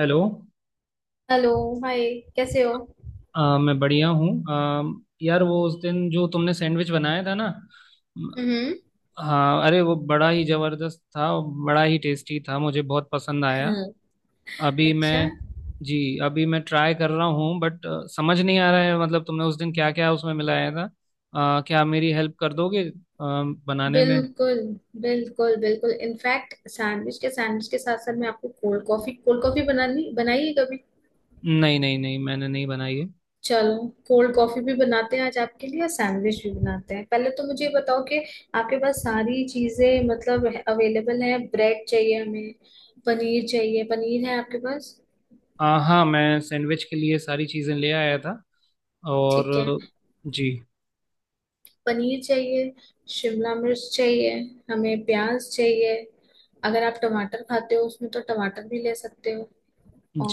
Hello. Hello. Hi. कैसे हो? मैं बढ़िया हूँ। यार वो उस दिन जो तुमने सैंडविच बनाया था ना। म, हम्म। हाँ, अरे वो बड़ा ही जबरदस्त था। बड़ा ही टेस्टी था, मुझे बहुत पसंद आया। हम्म। अभी मैं। अच्छा। जी। अभी मैं ट्राई कर रहा हूँ, बट समझ नहीं आ रहा है। मतलब तुमने उस दिन क्या क्या उसमें मिलाया था। क्या आप मेरी हेल्प कर दोगे बनाने में। बिल्कुल बिल्कुल बिल्कुल इनफैक्ट सैंडविच के साथ साथ मैं आपको कोल्ड कॉफी बनानी बनाइए कभी। नहीं नहीं नहीं, मैंने नहीं बनाई है। चलो, कोल्ड कॉफी भी बनाते हैं आज आपके लिए, और सैंडविच भी बनाते हैं। पहले तो मुझे ये बताओ कि आपके पास सारी चीजें मतलब अवेलेबल है। ब्रेड चाहिए हमें, पनीर चाहिए। पनीर है आपके पास? हाँ, मैं सैंडविच के लिए सारी चीज़ें ले आया था और। ठीक है। जी। पनीर चाहिए, शिमला मिर्च चाहिए, हमें प्याज चाहिए। अगर आप टमाटर खाते हो उसमें तो टमाटर भी ले सकते हो।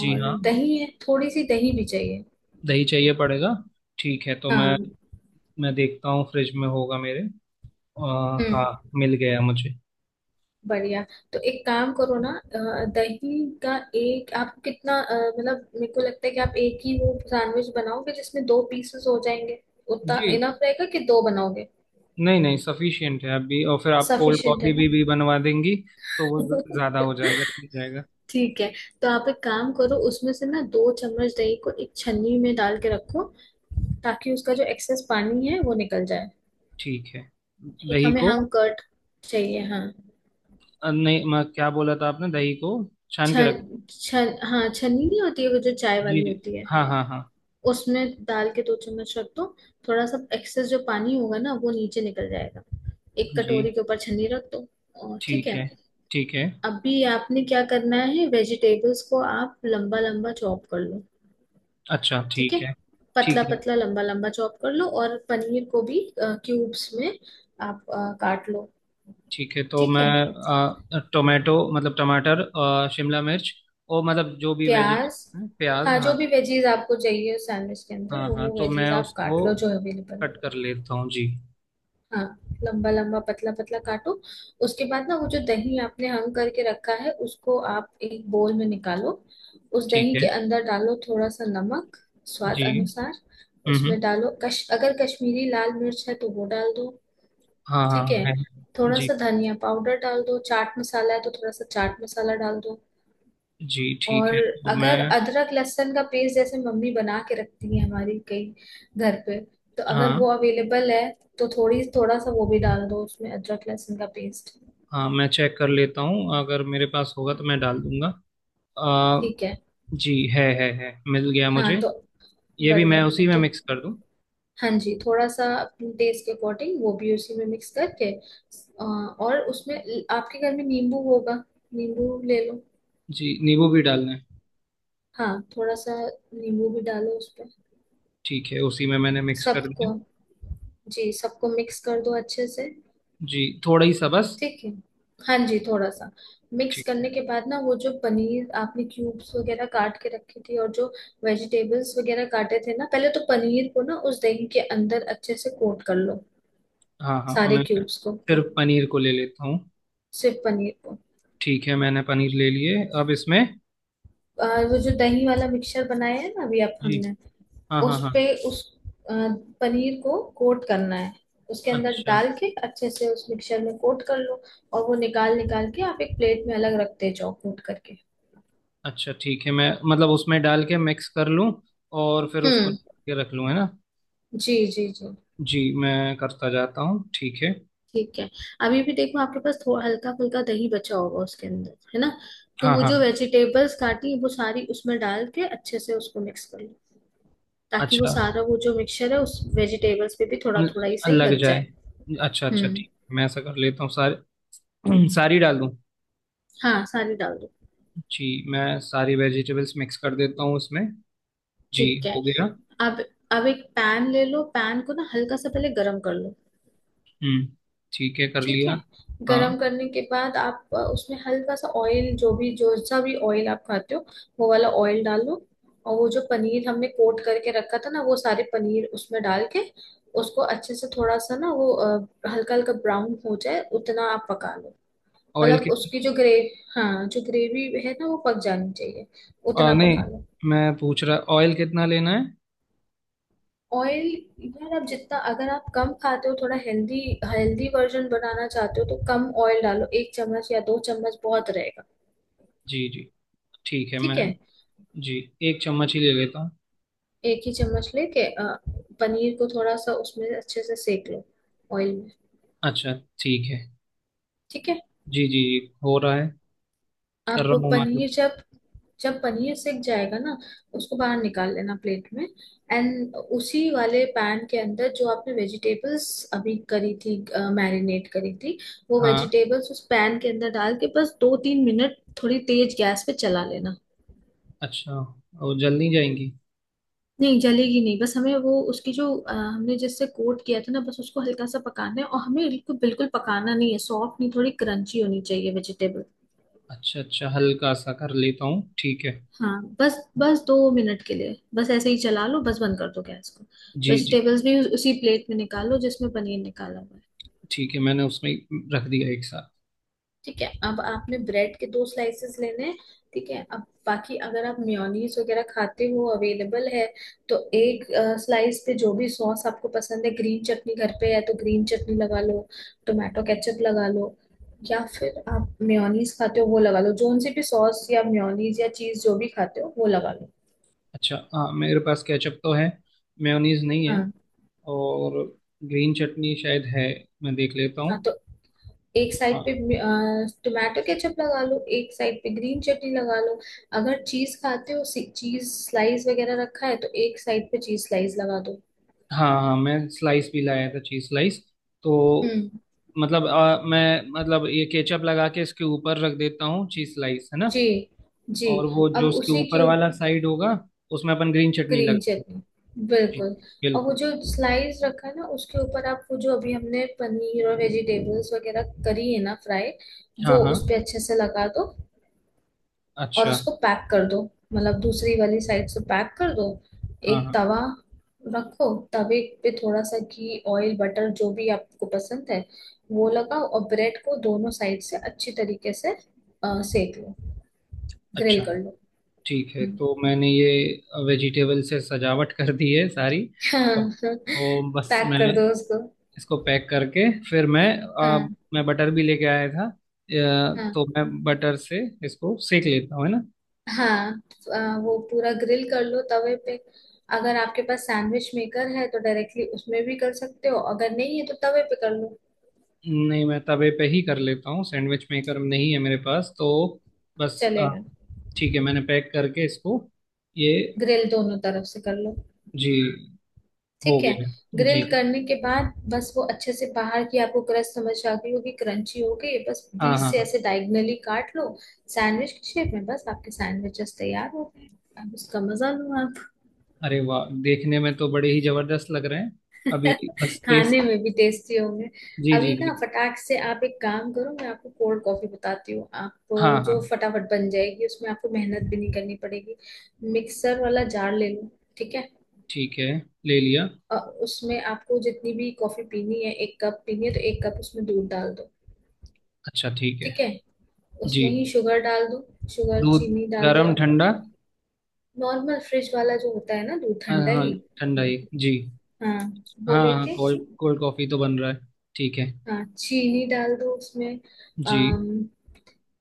जी हाँ। दही है? थोड़ी सी दही भी चाहिए। दही चाहिए पड़ेगा। ठीक है, तो मैं। हाँ। मैं देखता हूँ, फ्रिज में होगा मेरे। अ, हम्म। हाँ, मिल गया मुझे। बढ़िया। तो एक काम करो ना, दही का एक आपको कितना, मतलब मेरे को लगता है कि आप एक ही वो सैंडविच बनाओगे जिसमें दो पीसेस हो जाएंगे। उतना जी। इनफ रहेगा कि दो बनाओगे? नहीं नहीं, सफिशियंट है अभी, और फिर आप कोल्ड सफिशिएंट कॉफी है भी बनवा देंगी। तो वो ना। ज़्यादा हो जाएगा, ठीक रहेगा। ठीक है। तो आप एक काम करो, उसमें से ना दो चम्मच दही को एक छन्नी में डाल के रखो, ताकि उसका जो एक्सेस पानी है वो निकल जाए। ठीक है, एक दही हमें को। हम कर्ड चाहिए, हाँ। नहीं, मैं क्या बोला था आपने, दही को छान के छन, रख। छन, हाँ, छन्नी। नहीं होती है वो जो चाय जी। वाली होती है, हाँ हाँ हाँ। उसमें डाल के दो चम्मच रख दो। थोड़ा सा एक्सेस जो पानी होगा ना वो नीचे निकल जाएगा। एक जी कटोरी के ऊपर छन्नी रख दो, और ठीक ठीक है। है। ठीक है। अभी आपने क्या करना है, वेजिटेबल्स को आप लंबा लंबा चॉप कर लो। अच्छा ठीक है। ठीक है। पतला ठीक है। पतला लंबा लंबा चॉप कर लो, और पनीर को भी क्यूब्स में आप काट लो। ठीक है, तो ठीक मैं। है। टोमेटो, मतलब टमाटर, शिमला मिर्च, और मतलब जो भी प्याज, वेजिटेबल्स हैं, प्याज, हाँ। जो हाँ। भी वेजीज आपको चाहिए सैंडविच के अंदर हाँ वो हाँ, वो तो मैं वेजीज आप उसको काट लो जो अवेलेबल है। कट कर लेता हूँ, जी। हाँ। लंबा लंबा पतला पतला काटो। उसके बाद ना वो जो दही आपने हंग करके रखा है उसको आप एक बोल में निकालो। उस ठीक दही के है। अंदर डालो थोड़ा सा नमक, स्वाद जी। अनुसार। हम्म। उसमें डालो, कश अगर कश्मीरी लाल मिर्च है तो वो डाल दो। हाँ ठीक हाँ, है। है। थोड़ा जी सा धनिया पाउडर डाल दो, चाट मसाला है तो थोड़ा सा चाट मसाला डाल दो। जी ठीक और है, तो अगर मैं। अदरक लहसुन का पेस्ट जैसे मम्मी बना के रखती है हमारी, कई घर पे, तो अगर हाँ वो अवेलेबल है तो थोड़ी थोड़ा सा वो भी डाल दो उसमें, अदरक लहसुन का पेस्ट। हाँ, मैं चेक कर लेता हूँ, अगर मेरे पास होगा तो मैं डाल दूंगा। अ, ठीक है। जी, है, मिल गया हाँ। मुझे। तो ये भी मैं बढ़िया। उसी में तो मिक्स कर दूँ। हाँ जी, थोड़ा सा अपने टेस्ट के अकॉर्डिंग वो भी उसी में मिक्स करके, और उसमें आपके घर में नींबू होगा, नींबू ले लो। जी, नींबू भी डालना है। हाँ, थोड़ा सा नींबू भी डालो उस पे, ठीक है, उसी में मैंने मिक्स कर दिया। सबको। जी, सबको मिक्स कर दो अच्छे से। जी, थोड़ा ही सा बस। ठीक है। हाँ जी, थोड़ा सा। मिक्स ठीक करने है। के बाद ना, वो जो पनीर आपने क्यूब्स वगैरह काट के रखी थी, और जो वेजिटेबल्स वगैरह काटे थे ना, पहले तो पनीर को ना उस दही के अंदर अच्छे से कोट कर लो, हाँ हाँ, सारे मैं क्यूब्स को। फिर पनीर को ले लेता हूँ। सिर्फ पनीर को। ठीक है, मैंने पनीर ले लिए, अब इसमें। और वो जो दही वाला मिक्सचर बनाया है ना अभी आप जी। हमने, हाँ हाँ हाँ। उस अ, पनीर को कोट करना है। उसके अंदर अच्छा डाल के अच्छे से उस मिक्सचर में कोट कर लो। और वो निकाल निकाल के आप एक प्लेट में अलग रखते जाओ, कोट करके। अच्छा ठीक है, मैं मतलब उसमें डाल के मिक्स कर लूँ, और फिर उसको हम्म। निकाल के रख लूँ, है ना। जी जी जी। जी, मैं करता जाता हूँ, ठीक है। ठीक है। अभी भी देखो आपके पास थोड़ा हल्का फुल्का दही बचा होगा उसके अंदर है ना, तो हाँ वो हाँ, जो वेजिटेबल्स काटी वो सारी उसमें डाल के अच्छे से उसको मिक्स कर लो, ताकि वो अच्छा। सारा वो जो मिक्सचर है उस वेजिटेबल्स पे भी थोड़ा ल- थोड़ा ही सही लग लग जाए। जाए। अच्छा अच्छा हम्म। ठीक। मैं ऐसा कर लेता हूँ, सारी सारी डाल दूँ। हाँ, सारी डाल दो। जी, मैं सारी वेजिटेबल्स मिक्स कर देता हूँ उसमें। जी। ठीक है। हो गया। अब अब एक पैन ले लो, पैन को ना हल्का सा पहले गरम कर लो। हम्म। ठीक है, कर ठीक है। लिया। हाँ, गरम करने के बाद आप उसमें हल्का सा ऑयल, जो सा भी ऑयल आप खाते हो वो वाला ऑयल डालो। और वो जो पनीर हमने कोट करके रखा था ना, वो सारे पनीर उसमें डाल के उसको अच्छे से, थोड़ा सा ना वो हल्का हल्का ब्राउन हो जाए उतना आप पका लो। ऑयल मतलब कितना। उसकी जो ग्रे हाँ, जो ग्रेवी है ना वो पक जानी चाहिए, उतना नहीं, पका लो। मैं पूछ रहा, ऑयल कितना लेना है। ऑयल, यार आप जितना, अगर आप कम खाते हो, थोड़ा हेल्दी हेल्दी वर्जन बनाना चाहते हो तो कम ऑयल डालो, एक चम्मच या दो चम्मच बहुत रहेगा। जी जी। ठीक है, ठीक मैं। है। जी, एक चम्मच ही ले लेता हूँ। एक ही चम्मच लेके, पनीर को थोड़ा सा उसमें अच्छे से सेक लो, ऑयल में। अच्छा। ठीक है। ठीक है। जी जी जी, हो रहा है। कर आप वो रहा हूँ, मतलब। पनीर जब जब पनीर सिक जाएगा ना उसको बाहर निकाल लेना प्लेट में। एंड उसी वाले पैन के अंदर जो आपने वेजिटेबल्स अभी करी थी, मैरिनेट करी थी, वो हाँ। वेजिटेबल्स उस पैन के अंदर डाल के बस दो तीन मिनट थोड़ी तेज गैस पे चला लेना। अच्छा, और जल नहीं जाएंगी। नहीं, जलेगी नहीं, बस हमें वो उसकी जो, हमने जिससे कोट किया था ना, बस उसको हल्का सा पकाना है, और हमें बिल्कुल बिल्कुल पकाना नहीं है, सॉफ्ट नहीं, थोड़ी क्रंची होनी चाहिए वेजिटेबल। अच्छा अच्छा, हल्का सा कर लेता हूँ, ठीक है। हाँ, बस बस दो मिनट के लिए बस ऐसे ही चला लो, बस बंद कर दो गैस को। जी जी। वेजिटेबल्स भी उसी प्लेट में निकालो जिसमें पनीर निकाला हुआ है। ठीक है, मैंने उसमें रख दिया एक साथ। ठीक है। अब आपने ब्रेड के दो स्लाइसेस लेने हैं। ठीक है। अब बाकी, अगर आप मेयोनीज वगैरह खाते हो, अवेलेबल है, तो एक स्लाइस पे जो भी सॉस आपको पसंद है, ग्रीन चटनी घर पे है तो ग्रीन चटनी लगा लो, टोमेटो केचप लगा लो, या फिर आप मेयोनीज खाते हो वो लगा लो, जोन सी भी सॉस या मेयोनीज या चीज जो भी खाते हो वो लगा लो। अच्छा, हाँ, मेरे पास केचप तो है, मेयोनीज नहीं है। हाँ और ग्रीन चटनी शायद है, मैं देख लेता हाँ। हूँ। तो एक साइड हाँ। पे टोमेटो केचप लगा लो, एक साइड पे ग्रीन चटनी लगा लो। अगर चीज खाते हो, चीज स्लाइस वगैरह रखा है, तो एक साइड पे चीज स्लाइस लगा दो। हाँ हाँ, मैं स्लाइस भी लाया था, चीज स्लाइस। तो हम्म। मतलब मैं मतलब ये केचप लगा के इसके ऊपर रख देता हूँ चीज स्लाइस, है ना। जी। जी। और वो जो अब उसके उसी ऊपर के वाला ऊपर साइड होगा, उसमें अपन ग्रीन चटनी ग्रीन लगा देंगे। चटनी, जी। बिल्कुल। और वो बिल्कुल। जो स्लाइस रखा है ना उसके ऊपर आप वो जो अभी हमने पनीर और वेजिटेबल्स वगैरह करी है ना फ्राई, हाँ वो हाँ। उस पे अच्छे से लगा दो, और अच्छा। उसको पैक कर दो, मतलब दूसरी वाली साइड से पैक कर दो। हाँ एक हाँ। तवा रखो, तवे पे थोड़ा सा घी, ऑयल, बटर, जो भी आपको पसंद है वो लगाओ, और ब्रेड को दोनों साइड से अच्छी तरीके से सेक लो, ग्रिल अच्छा कर लो। ठीक है, तो मैंने ये वेजिटेबल से सजावट कर दी है सारी। और हाँ, तो बस, पैक मैंने कर दो उसको। इसको पैक करके फिर मैं हाँ मैं बटर भी लेके आया था, हाँ तो मैं बटर से इसको सेक लेता हूँ, है ना। हाँ। वो पूरा ग्रिल कर लो तवे पे। अगर आपके पास सैंडविच मेकर है तो डायरेक्टली उसमें भी कर सकते हो, अगर नहीं है तो तवे पे कर लो, नहीं, मैं तवे पे ही कर लेता हूँ, सैंडविच मेकर नहीं है मेरे पास, तो बस। चलेगा। ठीक है, मैंने पैक करके इसको ये। ग्रिल दोनों तरफ से कर लो। जी। हो ठीक है। गया है। जी जी। ग्रिल करने के बाद बस वो अच्छे से बाहर की आपको क्रस्ट समझ आ गई होगी, क्रंची हो गई, बस हाँ बीच हाँ से हाँ। ऐसे डायगनली काट लो। सैंडविच की शेप में बस आपके सैंडविचेस तैयार हो गए। अब उसका मजा लो आप। अरे वाह, देखने में तो बड़े ही जबरदस्त लग रहे हैं। अभी बस टेस्ट। खाने में भी टेस्टी होंगे। जी अभी जी जी। ना फटाक से आप एक काम करो, मैं आपको कोल्ड कॉफी बताती हूँ, आप हाँ हाँ। जो फटाफट बन जाएगी, उसमें आपको मेहनत भी नहीं करनी पड़ेगी। मिक्सर वाला जार ले लो। ठीक है। ठीक है, ले लिया। अ, उसमें आपको जितनी भी कॉफी पीनी है, एक कप पीनी है तो एक कप उसमें दूध डाल दो। अच्छा ठीक है। ठीक है। जी। उसमें ही शुगर डाल दो। शुगर, दूध चीनी डाल दो। गरम ठंडा। नॉर्मल फ्रिज वाला जो होता है ना, दूध हाँ ठंडा हाँ, ही ठंडा लो। ही। जी। हाँ, वो हाँ हाँ, लेके। कोल्ड कोल्ड कॉफी तो बन रहा है। ठीक है। हाँ, चीनी डाल दो उसमें। जी। अम,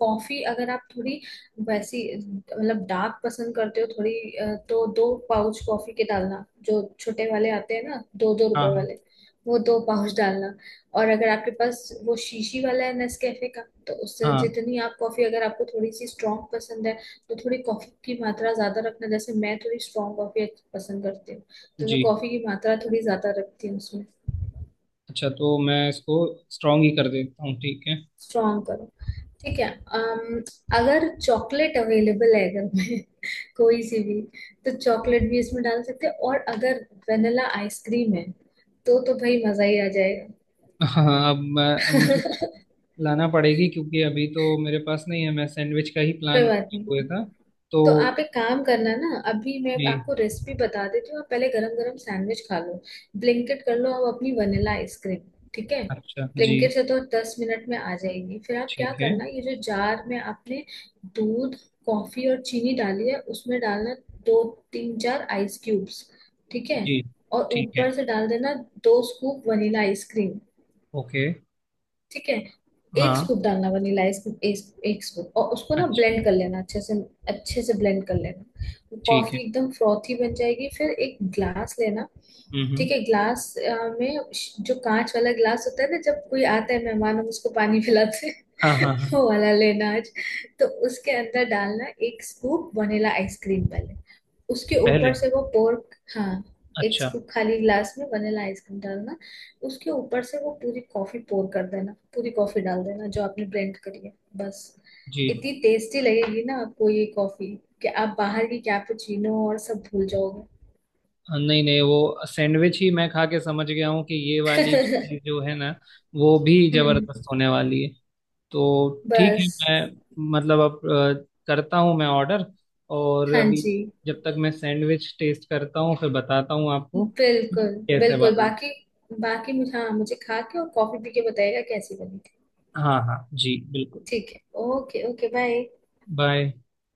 कॉफी, अगर आप थोड़ी वैसी मतलब डार्क पसंद करते हो थोड़ी, तो दो पाउच कॉफी के डालना, जो छोटे वाले आते हैं ना, दो दो हाँ रुपए हाँ। वाले, वो दो पाउच डालना। और अगर आपके पास वो शीशी वाला है, नेस्कैफे का, तो उससे हाँ। जितनी आप कॉफी, अगर आपको थोड़ी सी स्ट्रांग पसंद है, तो थोड़ी कॉफी की मात्रा ज्यादा रखना, जैसे मैं थोड़ी स्ट्रांग कॉफी पसंद करती हूँ, तो मैं जी। कॉफी की मात्रा थोड़ी ज्यादा रखती हूँ उसमें। अच्छा, तो मैं इसको स्ट्रॉन्ग ही कर देता हूँ, ठीक है। स्ट्रांग, ठीक है। अम, अगर चॉकलेट अवेलेबल है घर में कोई सी भी, तो चॉकलेट भी इसमें डाल सकते हैं, और अगर वेनिला आइसक्रीम है तो भाई मजा ही आ जाएगा। हाँ, अब मैं, मुझे लाना पड़ेगी, क्योंकि अभी तो मेरे पास नहीं है। मैं सैंडविच का ही प्लान कोई बात नहीं। हुए था। तो। तो आप एक काम करना ना, अभी मैं जी। आपको रेसिपी बता देती हूँ, आप पहले गरम गरम सैंडविच खा लो। ब्लिंकिट कर लो आप अपनी वनीला आइसक्रीम। ठीक है। अच्छा जी। ब्लिंकिट से तो 10 मिनट में आ जाएगी। फिर आप क्या ठीक है। करना, ये जो जार में आपने दूध, कॉफी और चीनी डाली है उसमें डालना दो तीन चार आइस क्यूब्स। ठीक है। जी। और ठीक है। ऊपर से डाल देना दो स्कूप वनीला आइसक्रीम। ओके। ठीक है। एक हाँ। स्कूप डालना वनीला, एक स्कूप, और उसको ना अच्छा। ब्लेंड कर लेना अच्छे से। अच्छे से ब्लेंड कर लेना, वो ठीक कॉफी है। एकदम फ्रॉथी बन जाएगी। फिर एक ग्लास लेना। हम्म हम्म, ठीक है। ग्लास में जो कांच वाला ग्लास होता है ना, जब कोई आता है मेहमान हम उसको पानी पिलाते हैं, हाँ हाँ हाँ। वो वाला लेना आज। तो उसके अंदर डालना एक स्कूप वनीला आइसक्रीम पहले, उसके पहले। ऊपर से वो पोर्क, हाँ। एक अच्छा। स्कूप खाली ग्लास में वनीला आइसक्रीम डालना, उसके ऊपर से वो पूरी कॉफी पोर कर देना, पूरी कॉफी डाल देना जो आपने ब्लेंड करी है, बस। जी। इतनी टेस्टी लगेगी ना आपको ये कॉफी, कि आप बाहर की कैपुचिनो और सब भूल जाओगे। हाँ, नहीं नहीं, वो सैंडविच ही मैं खा के समझ गया हूँ कि ये वाली चीज जो है ना, वो भी हम्म। जबरदस्त होने वाली है। तो ठीक है। बस। मैं मतलब अब करता हूँ मैं ऑर्डर। और हाँ अभी जी, जब तक मैं सैंडविच टेस्ट करता हूँ, फिर बताता हूँ आपको बिल्कुल कैसे बिल्कुल। बना। बाकी, बाकी मुझे, हाँ, मुझे खा के और कॉफी पी के बताइएगा कैसी बनी थी। हाँ हाँ जी, बिल्कुल। ठीक है। Okay okay, bye. बाय।